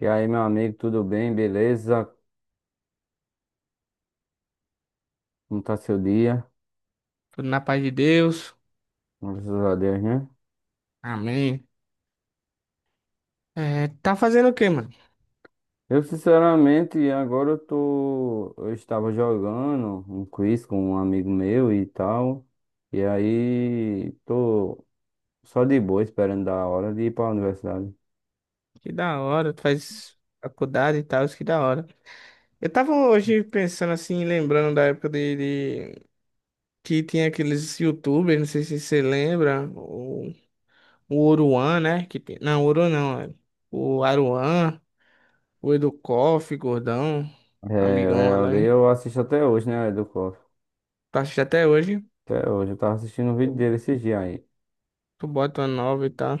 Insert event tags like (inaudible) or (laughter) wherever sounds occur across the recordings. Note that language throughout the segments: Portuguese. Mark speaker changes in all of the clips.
Speaker 1: E aí, meu amigo, tudo bem? Beleza? Como tá seu dia?
Speaker 2: Tudo na paz de Deus.
Speaker 1: Graças a Deus, né?
Speaker 2: Amém. É, tá fazendo o quê, mano?
Speaker 1: Eu, sinceramente, agora eu tô. Eu estava jogando um quiz com um amigo meu e tal. E aí, tô só de boa, esperando dar a hora de ir pra universidade.
Speaker 2: Que da hora, tu faz faculdade e tal, isso que da hora. Eu tava hoje pensando assim, lembrando da época de- que tinha aqueles YouTubers, não sei se você lembra, o Oruan, né? Não, o Oruan não, é. O Aruan, o Educoff, Gordão,
Speaker 1: É,
Speaker 2: amigão
Speaker 1: é, ali
Speaker 2: além.
Speaker 1: eu assisto até hoje, né? Do Coffee.
Speaker 2: Tu assiste até hoje,
Speaker 1: Até hoje. Eu tava assistindo um vídeo
Speaker 2: tu,
Speaker 1: dele esses dias aí.
Speaker 2: tu bota uma nova e tal,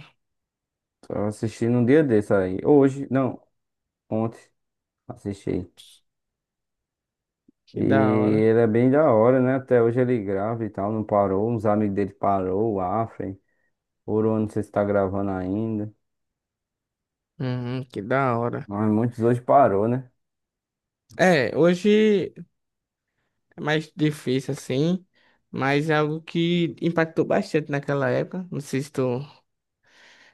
Speaker 1: Tava assistindo um dia desse aí. Hoje, não, ontem. Assisti. E
Speaker 2: que da hora.
Speaker 1: ele é bem da hora, né? Até hoje ele grava e tal, não parou. Uns amigos dele parou, o Afren. Ouro, não sei se tá gravando ainda.
Speaker 2: Uhum, que da hora.
Speaker 1: Mas muitos hoje parou, né?
Speaker 2: É, hoje. É mais difícil assim, mas é algo que impactou bastante naquela época. Não sei se tu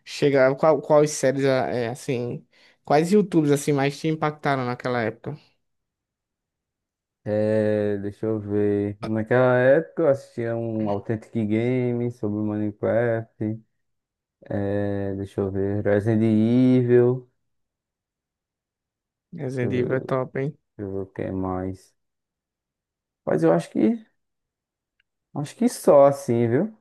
Speaker 2: chega, quais séries é, assim, quais YouTubes assim mais te impactaram naquela época?
Speaker 1: É, deixa eu ver. Naquela época eu assistia um Authentic Game sobre o Minecraft. É, deixa eu ver. Resident Evil. Deixa eu
Speaker 2: Resident
Speaker 1: ver,
Speaker 2: Evil é
Speaker 1: deixa
Speaker 2: top, hein?
Speaker 1: eu ver o que mais. Mas eu acho que só assim, viu?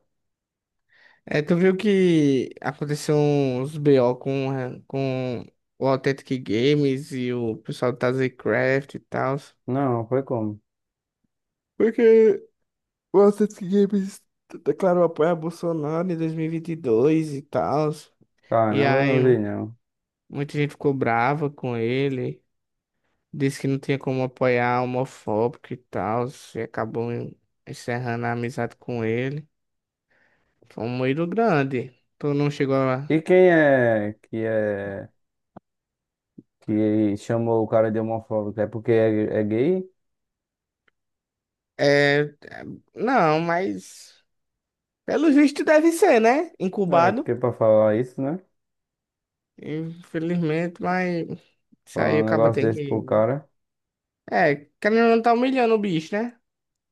Speaker 2: É, tu viu que aconteceu uns BO com o Authentic Games e o pessoal do TazzyCraft e tal.
Speaker 1: Não, foi como?
Speaker 2: Porque o Authentic Games declarou apoio a Bolsonaro em 2022 e vinte e dois e tal. E
Speaker 1: Caramba, eu
Speaker 2: aí,
Speaker 1: não vi não.
Speaker 2: muita gente ficou brava com ele, disse que não tinha como apoiar homofóbico e tal, e acabou encerrando a amizade com ele. Foi um moído grande. Tu não chegou a.
Speaker 1: E quem é que chamou o cara de homofóbico. É porque é gay?
Speaker 2: É, não, mas pelo visto deve ser, né?
Speaker 1: É
Speaker 2: Incubado.
Speaker 1: porque pra falar isso, né?
Speaker 2: Infelizmente, mas isso aí
Speaker 1: Falar um
Speaker 2: acaba
Speaker 1: negócio
Speaker 2: tendo
Speaker 1: desse pro
Speaker 2: que.
Speaker 1: cara,
Speaker 2: É, querendo ou não tá humilhando o bicho, né?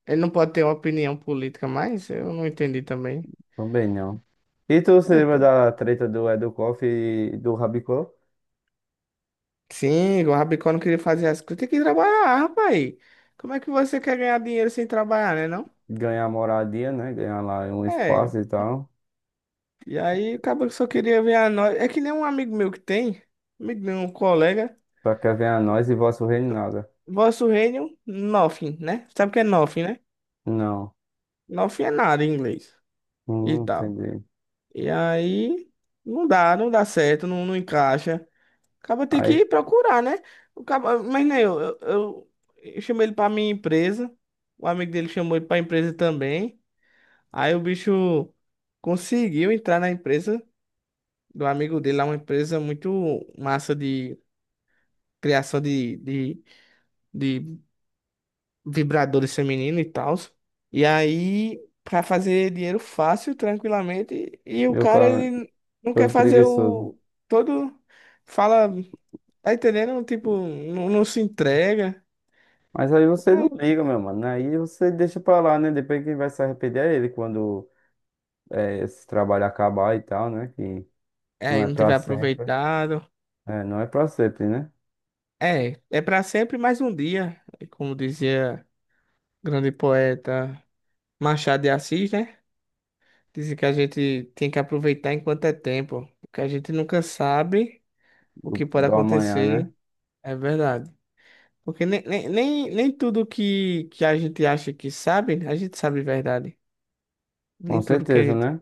Speaker 2: Ele não pode ter uma opinião política mais, eu não entendi também.
Speaker 1: também não. E tu se
Speaker 2: é
Speaker 1: lembra da treta do Educoff e do Rabicó?
Speaker 2: Sim, o Rabicó não queria fazer as coisas. Tem que trabalhar, rapaz. Como é que você quer ganhar dinheiro sem trabalhar, né, não?
Speaker 1: Ganhar moradia, né? Ganhar lá um
Speaker 2: É,
Speaker 1: espaço e tal.
Speaker 2: e aí acabou que só queria ver a nós. É que nem um amigo meu que tem, amigo meu, um colega.
Speaker 1: Pra que venha nós e vosso reino nada.
Speaker 2: Vosso reino, nothing, né? Sabe o que é nothing, né?
Speaker 1: Não,
Speaker 2: Nothing é nada em inglês e
Speaker 1: não
Speaker 2: tal.
Speaker 1: entendi.
Speaker 2: E aí não dá, não dá certo, não, não encaixa. Acaba ter que
Speaker 1: Aí
Speaker 2: procurar, né? Mas nem eu chamei ele pra minha empresa. O amigo dele chamou ele pra empresa também. Aí o bicho conseguiu entrar na empresa do amigo dele, lá uma empresa muito massa de criação de vibradores femininos e tal. E aí, pra fazer dinheiro fácil, tranquilamente, e o
Speaker 1: eu,
Speaker 2: cara,
Speaker 1: cara,
Speaker 2: ele não quer
Speaker 1: todo
Speaker 2: fazer
Speaker 1: preguiçoso.
Speaker 2: o todo, fala, tá entendendo? Tipo, não, não se entrega.
Speaker 1: Mas aí você não
Speaker 2: Aí
Speaker 1: liga, meu mano, né? Aí você deixa pra lá, né? Depois quem vai se arrepender é ele quando esse trabalho acabar e tal, né? Que não
Speaker 2: aí
Speaker 1: é
Speaker 2: não tiver
Speaker 1: pra sempre.
Speaker 2: aproveitado.
Speaker 1: É, não é pra sempre, né?
Speaker 2: É, é pra sempre mais um dia, como dizia grande poeta Machado de Assis, né? Dizem que a gente tem que aproveitar enquanto é tempo, porque a gente nunca sabe o que pode
Speaker 1: Do amanhã,
Speaker 2: acontecer,
Speaker 1: né?
Speaker 2: é verdade. Porque nem tudo que a gente acha que sabe, a gente sabe verdade.
Speaker 1: Com
Speaker 2: Nem tudo que a
Speaker 1: certeza,
Speaker 2: gente.
Speaker 1: né?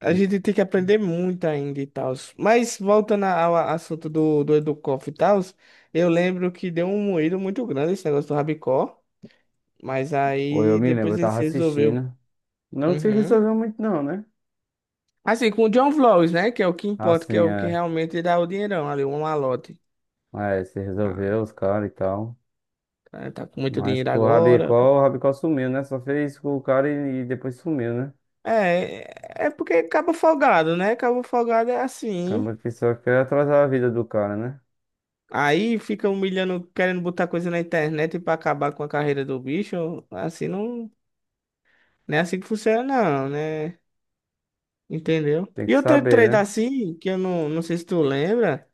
Speaker 2: A
Speaker 1: E-
Speaker 2: gente tem que aprender muito ainda e tal. Mas voltando ao assunto do Educoff e tal, eu lembro que deu um moído muito grande esse negócio do Rabicó, mas
Speaker 1: Pô, eu
Speaker 2: aí
Speaker 1: me lembro,
Speaker 2: depois
Speaker 1: eu
Speaker 2: ele
Speaker 1: tava
Speaker 2: se resolveu.
Speaker 1: assistindo. Não se
Speaker 2: Uhum.
Speaker 1: resolveu muito, não, né?
Speaker 2: Assim, com o John Vlogs, né? Que é o que importa, que é
Speaker 1: Assim,
Speaker 2: o que
Speaker 1: é.
Speaker 2: realmente dá o dinheirão ali, um malote.
Speaker 1: É, se
Speaker 2: Ah,
Speaker 1: resolveu os caras e tal.
Speaker 2: o cara tá com muito
Speaker 1: Mas
Speaker 2: dinheiro
Speaker 1: com
Speaker 2: agora.
Speaker 1: o Rabicó sumiu, né? Só fez com o cara e depois sumiu, né?
Speaker 2: É, é porque acaba folgado, né? Acaba folgado é assim.
Speaker 1: Acaba que só quer atrasar a vida do cara, né?
Speaker 2: Aí fica humilhando, querendo botar coisa na internet pra acabar com a carreira do bicho. Assim não, não é assim que funciona, não, né? Entendeu?
Speaker 1: Tem que
Speaker 2: E outra
Speaker 1: saber,
Speaker 2: treta
Speaker 1: né?
Speaker 2: assim, que eu não sei se tu lembra,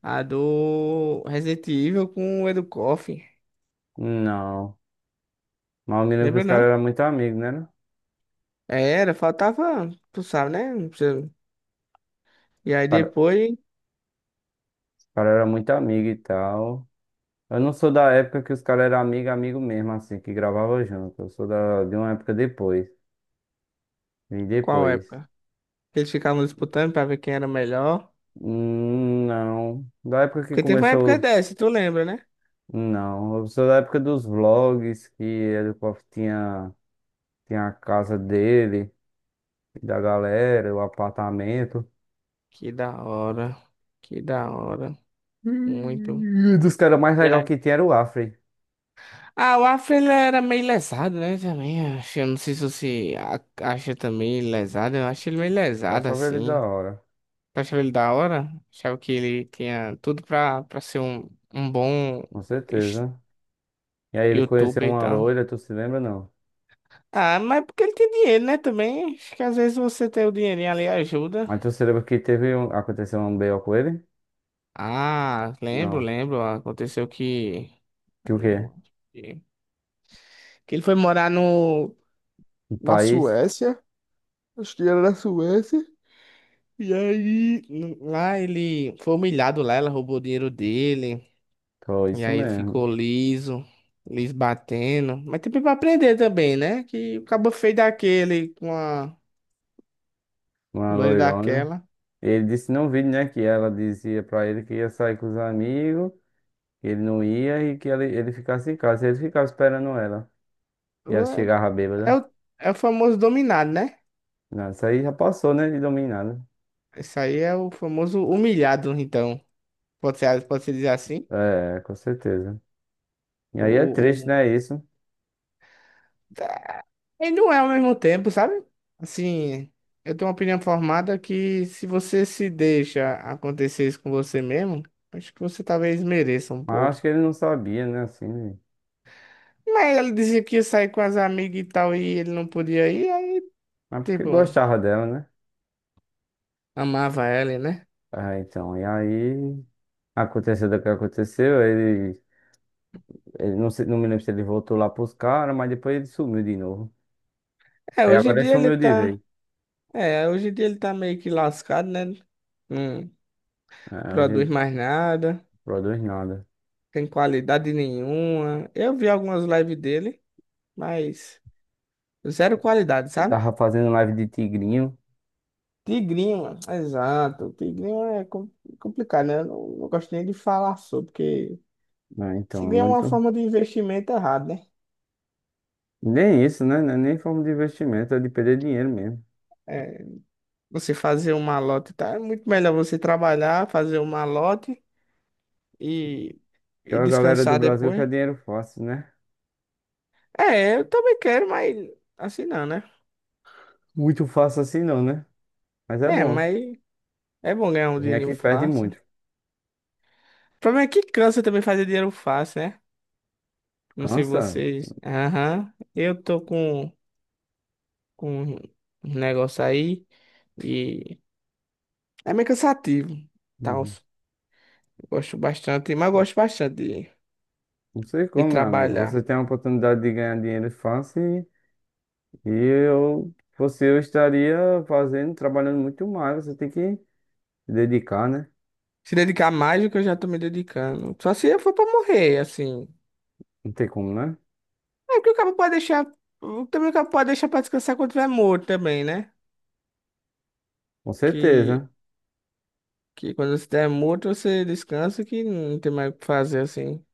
Speaker 2: a do Resident Evil com o Edu Koff.
Speaker 1: Não. Mas eu me lembro que
Speaker 2: Lembra
Speaker 1: os caras
Speaker 2: não?
Speaker 1: eram muito amigos, né? Não?
Speaker 2: Era, faltava, tu sabe, né? Não precisa- E aí
Speaker 1: Caras cara
Speaker 2: depois,
Speaker 1: os cara eram muito amigos e tal. Eu não sou da época que os caras eram amigo, amigo mesmo, assim, que gravava junto. Eu sou de uma época depois. Vim
Speaker 2: qual
Speaker 1: depois.
Speaker 2: época? Eles ficavam disputando pra ver quem era melhor.
Speaker 1: Não. Da época que
Speaker 2: Porque teve uma
Speaker 1: começou.
Speaker 2: época dessa, tu lembra, né?
Speaker 1: Não. Eu sou da época dos vlogs, que ele tinha a casa dele, da galera, o apartamento.
Speaker 2: Que da hora, que da hora, muito.
Speaker 1: E dos caras mais
Speaker 2: E
Speaker 1: legal
Speaker 2: aí-
Speaker 1: que tinha era o Afri.
Speaker 2: Ah, o Afro ele era meio lesado, né? Também, acho, eu não sei se você acha também lesado, eu acho ele meio
Speaker 1: Eu
Speaker 2: lesado,
Speaker 1: achava ele da
Speaker 2: assim.
Speaker 1: hora,
Speaker 2: Tu achava ele da hora? Achava que ele tinha tudo pra ser um bom
Speaker 1: com
Speaker 2: es-
Speaker 1: certeza. E aí ele conheceu
Speaker 2: youtuber e
Speaker 1: uma
Speaker 2: tal.
Speaker 1: loira, tu se lembra, não?
Speaker 2: Ah, mas porque ele tem dinheiro, né? Também. Acho que às vezes você ter o dinheirinho ali ajuda.
Speaker 1: Mas tu se lembra que teve um, aconteceu um BO com ele?
Speaker 2: Ah, lembro,
Speaker 1: Não.
Speaker 2: lembro. Aconteceu que.
Speaker 1: Que o quê?
Speaker 2: Que ele foi morar no.
Speaker 1: O
Speaker 2: Na
Speaker 1: país?
Speaker 2: Suécia. Acho que era na Suécia. E aí. Lá ele foi humilhado lá, ela roubou o dinheiro dele.
Speaker 1: Foi
Speaker 2: E
Speaker 1: isso
Speaker 2: aí ele
Speaker 1: mesmo.
Speaker 2: ficou liso, liso batendo. Mas tem pra aprender também, né? Que o cabo feio daquele com a
Speaker 1: Uma
Speaker 2: loira
Speaker 1: loirona.
Speaker 2: daquela.
Speaker 1: Ele disse no vídeo, né, que ela dizia pra ele que ia sair com os amigos, que ele não ia e que ele ficasse em casa. Ele ficava esperando ela. E ela
Speaker 2: É,
Speaker 1: chegava
Speaker 2: é
Speaker 1: bêbada.
Speaker 2: o, é o famoso dominado, né?
Speaker 1: Não, isso aí já passou, né, de dominada.
Speaker 2: Isso aí é o famoso humilhado, então. Pode ser dizer assim.
Speaker 1: É, com certeza. E
Speaker 2: O,
Speaker 1: aí é triste,
Speaker 2: o...
Speaker 1: né, isso.
Speaker 2: tá, ele não é ao mesmo tempo, sabe? Assim, eu tenho uma opinião formada que se você se deixa acontecer isso com você mesmo, acho que você talvez mereça um
Speaker 1: Mas eu
Speaker 2: pouco.
Speaker 1: acho que ele não sabia, né, assim, né?
Speaker 2: Mas ele dizia que ia sair com as amigas e tal, e ele não podia ir, aí,
Speaker 1: Mas porque
Speaker 2: tipo,
Speaker 1: gostava dela, né?
Speaker 2: amava ela, né?
Speaker 1: Ah, então, e aí aconteceu o que aconteceu, ele. Não, não me lembro se ele voltou lá pros caras, mas depois ele sumiu de novo.
Speaker 2: É,
Speaker 1: Aí
Speaker 2: hoje em
Speaker 1: agora ele
Speaker 2: dia ele
Speaker 1: sumiu de
Speaker 2: tá.
Speaker 1: vez.
Speaker 2: É, hoje em dia ele tá meio que lascado, né? Não
Speaker 1: É, hoje ele
Speaker 2: produz
Speaker 1: não
Speaker 2: mais nada.
Speaker 1: produz nada.
Speaker 2: Tem qualidade nenhuma. Eu vi algumas lives dele, mas zero qualidade,
Speaker 1: Ele
Speaker 2: sabe?
Speaker 1: tava fazendo live de tigrinho.
Speaker 2: Tigrinho, mano. Exato. Tigrinho é complicado, né? Eu não gosto nem de falar sobre, porque
Speaker 1: Ah, então é
Speaker 2: Tigrinho é uma
Speaker 1: muito.
Speaker 2: forma de investimento errado, né?
Speaker 1: Nem isso, né? Não é nem forma de investimento, é de perder dinheiro mesmo.
Speaker 2: É, você fazer um malote, tá? É muito melhor você trabalhar, fazer um malote e,
Speaker 1: Porque
Speaker 2: e
Speaker 1: a galera do
Speaker 2: descansar
Speaker 1: Brasil quer
Speaker 2: depois.
Speaker 1: dinheiro fácil, né?
Speaker 2: É, eu também quero, mas assim não, né?
Speaker 1: Muito fácil assim não, né? Mas é
Speaker 2: É,
Speaker 1: bom.
Speaker 2: mas é bom ganhar um
Speaker 1: Vem aqui
Speaker 2: dinheiro
Speaker 1: e perde
Speaker 2: fácil. O
Speaker 1: muito.
Speaker 2: problema é que cansa também fazer dinheiro fácil, né? Não sei
Speaker 1: Cansa.
Speaker 2: vocês. Aham. Eu tô com um negócio aí e é meio cansativo. Tal.
Speaker 1: Uhum.
Speaker 2: Gosto bastante, mas gosto bastante de,
Speaker 1: Não sei
Speaker 2: de
Speaker 1: como, meu amigo. Você
Speaker 2: trabalhar.
Speaker 1: tem a oportunidade de ganhar dinheiro fácil e eu, você, eu estaria fazendo, trabalhando muito mais. Você tem que se dedicar, né?
Speaker 2: Se dedicar mais do que eu já tô me dedicando. Só se eu for pra morrer, assim.
Speaker 1: Não tem como, né?
Speaker 2: É porque o cara pode deixar. Também o cara pode deixar pra descansar quando tiver morto também, né?
Speaker 1: Com
Speaker 2: Que,
Speaker 1: certeza.
Speaker 2: que quando você estiver morto, você descansa que não tem mais o que fazer, assim.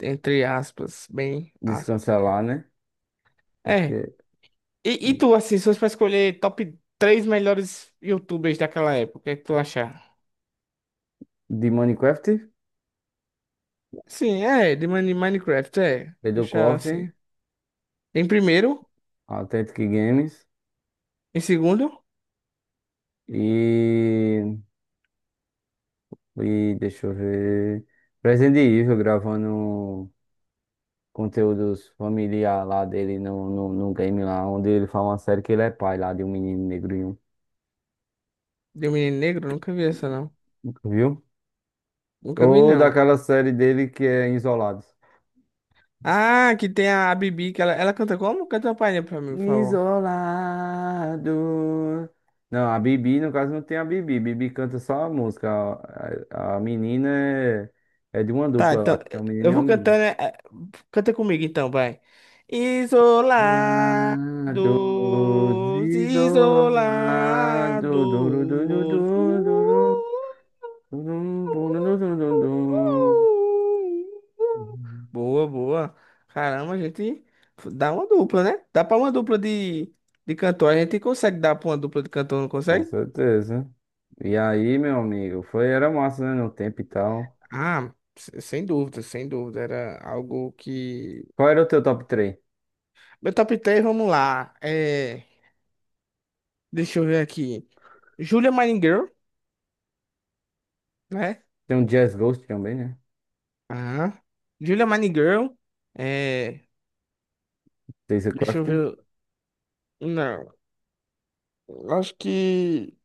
Speaker 2: Entre aspas, bem aspas.
Speaker 1: Descancelar, né?
Speaker 2: É.
Speaker 1: Porque
Speaker 2: E tu, assim, se fosse pra escolher top 3 melhores YouTubers daquela época, o que é que tu achar?
Speaker 1: de Minecraft,
Speaker 2: Sim, é, de Minecraft, é.
Speaker 1: Pedro
Speaker 2: Deixar
Speaker 1: Coffee,
Speaker 2: assim. Em primeiro,
Speaker 1: Authentic Games
Speaker 2: em segundo,
Speaker 1: e, e deixa eu ver. Resident Evil gravando conteúdos familiar lá dele no game lá, onde ele fala uma série que ele é pai lá de um menino negrinho,
Speaker 2: de um menino negro, nunca vi essa não.
Speaker 1: viu?
Speaker 2: Nunca vi
Speaker 1: Ou
Speaker 2: não.
Speaker 1: daquela série dele que é Isolados.
Speaker 2: Ah, que tem a Bibi, que ela canta como? Canta uma palhinha pra mim, por favor.
Speaker 1: Isolado. Não, a Bibi, no caso, não tem a Bibi. Bibi canta só a música. A menina é, é de uma
Speaker 2: Tá,
Speaker 1: dupla,
Speaker 2: então,
Speaker 1: acho que é um menino
Speaker 2: eu
Speaker 1: e uma
Speaker 2: vou
Speaker 1: menina.
Speaker 2: cantando, canta comigo então, vai. Isolados,
Speaker 1: Isolados, isolado. Duru, duru,
Speaker 2: isolados.
Speaker 1: duru, duru, duru, duru, duru, duru, duru. Uhum.
Speaker 2: Boa, boa. Caramba, a gente dá uma dupla, né? Dá pra uma dupla de cantor. A gente consegue dar pra uma dupla de cantor, não
Speaker 1: Com
Speaker 2: consegue?
Speaker 1: certeza. E aí, meu amigo, foi, era massa, né, no tempo e tal.
Speaker 2: Ah, sem dúvida, sem dúvida. Era algo que.
Speaker 1: Qual era o teu top três?
Speaker 2: Meu top 3, vamos lá. É, deixa eu ver aqui. Julia Mining Girl, né?
Speaker 1: Tem um Jazz Ghost também, né?
Speaker 2: Ah, Julia Mining Girl. É,
Speaker 1: Jason
Speaker 2: deixa eu
Speaker 1: Craft.
Speaker 2: ver. Não, eu acho que.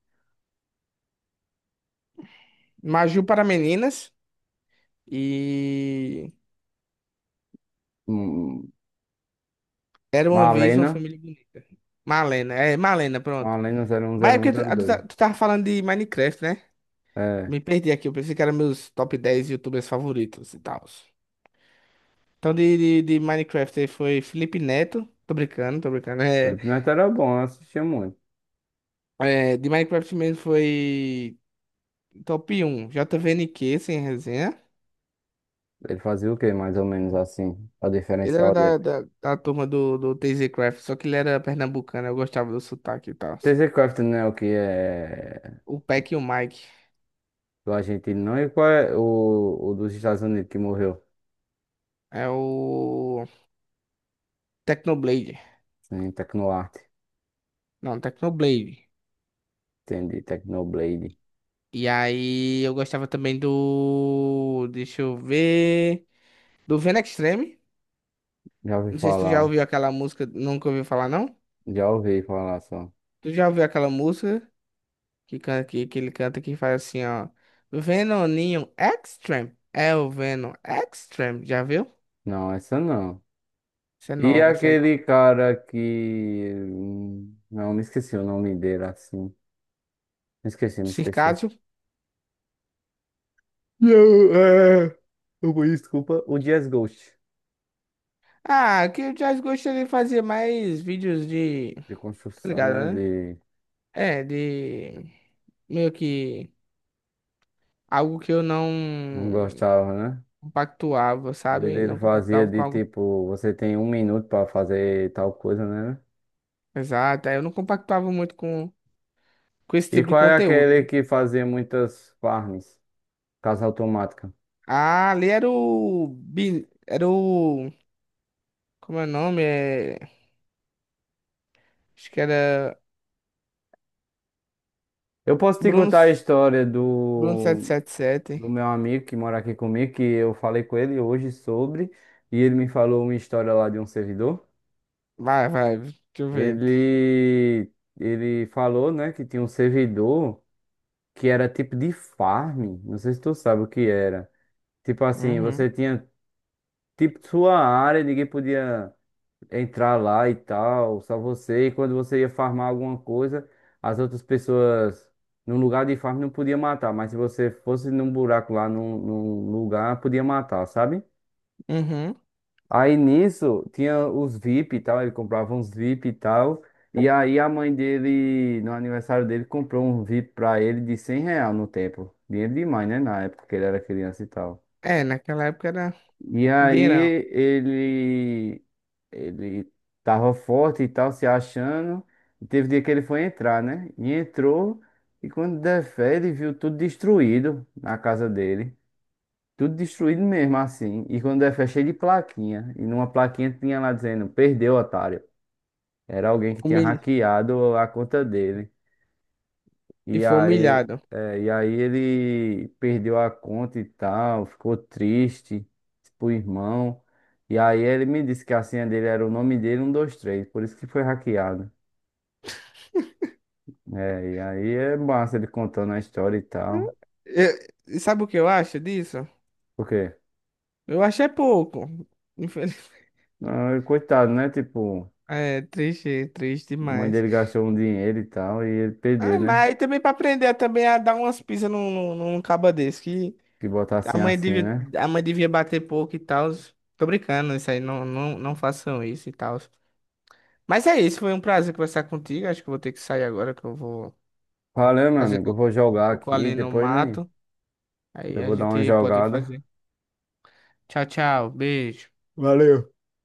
Speaker 2: Maju para meninas. E
Speaker 1: Hum,
Speaker 2: era uma vez uma
Speaker 1: Malena,
Speaker 2: família bonita. Malena, é, Malena, pronto.
Speaker 1: Malena zero um
Speaker 2: Mas
Speaker 1: zero
Speaker 2: é
Speaker 1: um
Speaker 2: porque
Speaker 1: zero
Speaker 2: tu, tu,
Speaker 1: dois.
Speaker 2: tá- tu tava falando de Minecraft, né?
Speaker 1: É,
Speaker 2: Me perdi aqui, eu pensei que eram meus top 10 YouTubers favoritos e tal. Então, de Minecraft aí foi Felipe Neto. Tô brincando, tô brincando. É,
Speaker 1: Felipe Neto era bom, eu assistia muito.
Speaker 2: é, de Minecraft mesmo foi top 1, JVNQ, sem resenha.
Speaker 1: Ele fazia o quê, mais ou menos assim, a
Speaker 2: Ele era
Speaker 1: diferencial
Speaker 2: da,
Speaker 1: dele?
Speaker 2: da, da turma do TZ Craft, só que ele era pernambucano, eu gostava do sotaque e tal.
Speaker 1: TC Crafton, né, o que é
Speaker 2: O Peck e o Mike.
Speaker 1: do argentino, não? E qual é o dos Estados Unidos que morreu?
Speaker 2: É o. Technoblade.
Speaker 1: Assim, em Tecnoarte,
Speaker 2: Não, Technoblade.
Speaker 1: entendi, Tecnoblade.
Speaker 2: E aí eu gostava também do. Deixa eu ver. Do Venom Extreme.
Speaker 1: Já ouvi
Speaker 2: Não sei se tu já
Speaker 1: falar,
Speaker 2: ouviu aquela música. Nunca ouviu falar, não?
Speaker 1: já ouvi falar só.
Speaker 2: Tu já ouviu aquela música que ele canta que faz assim, ó. Venoninho Extreme. É o Venom Extreme. Já viu?
Speaker 1: Não, essa não.
Speaker 2: Isso é
Speaker 1: E
Speaker 2: nova, isso é nova.
Speaker 1: aquele cara que, não, me esqueci o nome dele, assim. Me esqueci, me esqueci.
Speaker 2: Circásio.
Speaker 1: Não, é. Desculpa, o Dias Ghost,
Speaker 2: Ah, que o Jazz gostaria de fazer mais vídeos de.
Speaker 1: de
Speaker 2: Tá
Speaker 1: construção,
Speaker 2: ligado,
Speaker 1: né?
Speaker 2: né?
Speaker 1: De.
Speaker 2: É, de. Meio que. Algo que eu não
Speaker 1: Não gostava, né?
Speaker 2: compactuava,
Speaker 1: Ele,
Speaker 2: sabe?
Speaker 1: ele
Speaker 2: Não
Speaker 1: fazia
Speaker 2: compactuava com
Speaker 1: de
Speaker 2: algo.
Speaker 1: tipo, você tem um minuto pra fazer tal coisa, né?
Speaker 2: Exato, aí eu não compactuava muito com esse
Speaker 1: E
Speaker 2: tipo de
Speaker 1: qual é
Speaker 2: conteúdo,
Speaker 1: aquele
Speaker 2: né?
Speaker 1: que fazia muitas farms? Casa automática.
Speaker 2: Ah, ali era o. Era o. Como é o nome? É... Acho que era.
Speaker 1: Eu posso te
Speaker 2: Bruno.
Speaker 1: contar a história
Speaker 2: Bruno sete
Speaker 1: do,
Speaker 2: sete
Speaker 1: do
Speaker 2: sete.
Speaker 1: meu amigo que mora aqui comigo, que eu falei com ele hoje sobre, e ele me falou uma história lá de um servidor.
Speaker 2: Vai, vai, deixa eu ver.
Speaker 1: Ele, ele falou, né, que tinha um servidor, que era tipo de farm. Não sei se tu sabe o que era. Tipo assim,
Speaker 2: Uhum,
Speaker 1: você tinha tipo sua área, ninguém podia entrar lá e tal, só você. E quando você ia farmar alguma coisa, as outras pessoas no lugar de farm não podia matar, mas se você fosse num buraco lá, num lugar, podia matar, sabe?
Speaker 2: uhum.
Speaker 1: Aí nisso tinha os VIP e tal, ele comprava uns VIP e tal. E aí a mãe dele, no aniversário dele, comprou um VIP pra ele de 100 real no tempo. Dinheiro demais, né? Na época que ele era criança e tal.
Speaker 2: É, naquela época era
Speaker 1: E aí
Speaker 2: dinheirão.
Speaker 1: ele, ele tava forte e tal, se achando. E teve dia que ele foi entrar, né? E entrou, e quando der fé, ele viu tudo destruído na casa dele. Tudo destruído mesmo, assim. E quando é cheio de plaquinha. E numa plaquinha tinha lá dizendo, perdeu, otário. Era alguém que tinha
Speaker 2: Humil...
Speaker 1: hackeado a conta dele.
Speaker 2: E
Speaker 1: E
Speaker 2: foi
Speaker 1: aí,
Speaker 2: humilhado.
Speaker 1: é, e aí ele perdeu a conta e tal, ficou triste pro irmão. E aí ele me disse que a senha dele era o nome dele, 123 por isso que foi hackeado. É, e aí é massa ele contando a história e tal.
Speaker 2: Eu- e sabe o que eu acho disso?
Speaker 1: Por quê?
Speaker 2: Eu acho é pouco. (laughs)
Speaker 1: Ah, coitado, né? Tipo,
Speaker 2: É triste, triste
Speaker 1: a mãe
Speaker 2: demais.
Speaker 1: dele gastou um dinheiro e tal, e ele
Speaker 2: Ah,
Speaker 1: perdeu, né?
Speaker 2: mas aí também pra aprender também a dar umas pisas num caba desse, que
Speaker 1: Que botar assim,
Speaker 2: a mãe
Speaker 1: assim,
Speaker 2: devia,
Speaker 1: né?
Speaker 2: a mãe devia bater pouco e tal. Tô brincando, isso aí, não, não, não façam isso e tal. Mas é isso, foi um prazer conversar contigo. Acho que eu vou ter que sair agora, que eu vou
Speaker 1: Valeu, meu
Speaker 2: fazer
Speaker 1: amigo. Eu
Speaker 2: cocô
Speaker 1: vou jogar
Speaker 2: cocô
Speaker 1: aqui.
Speaker 2: ali no
Speaker 1: Depois, né?
Speaker 2: mato. Aí
Speaker 1: Eu
Speaker 2: a
Speaker 1: vou dar uma
Speaker 2: gente pode
Speaker 1: jogada.
Speaker 2: fazer. Tchau, tchau, beijo.
Speaker 1: Valeu.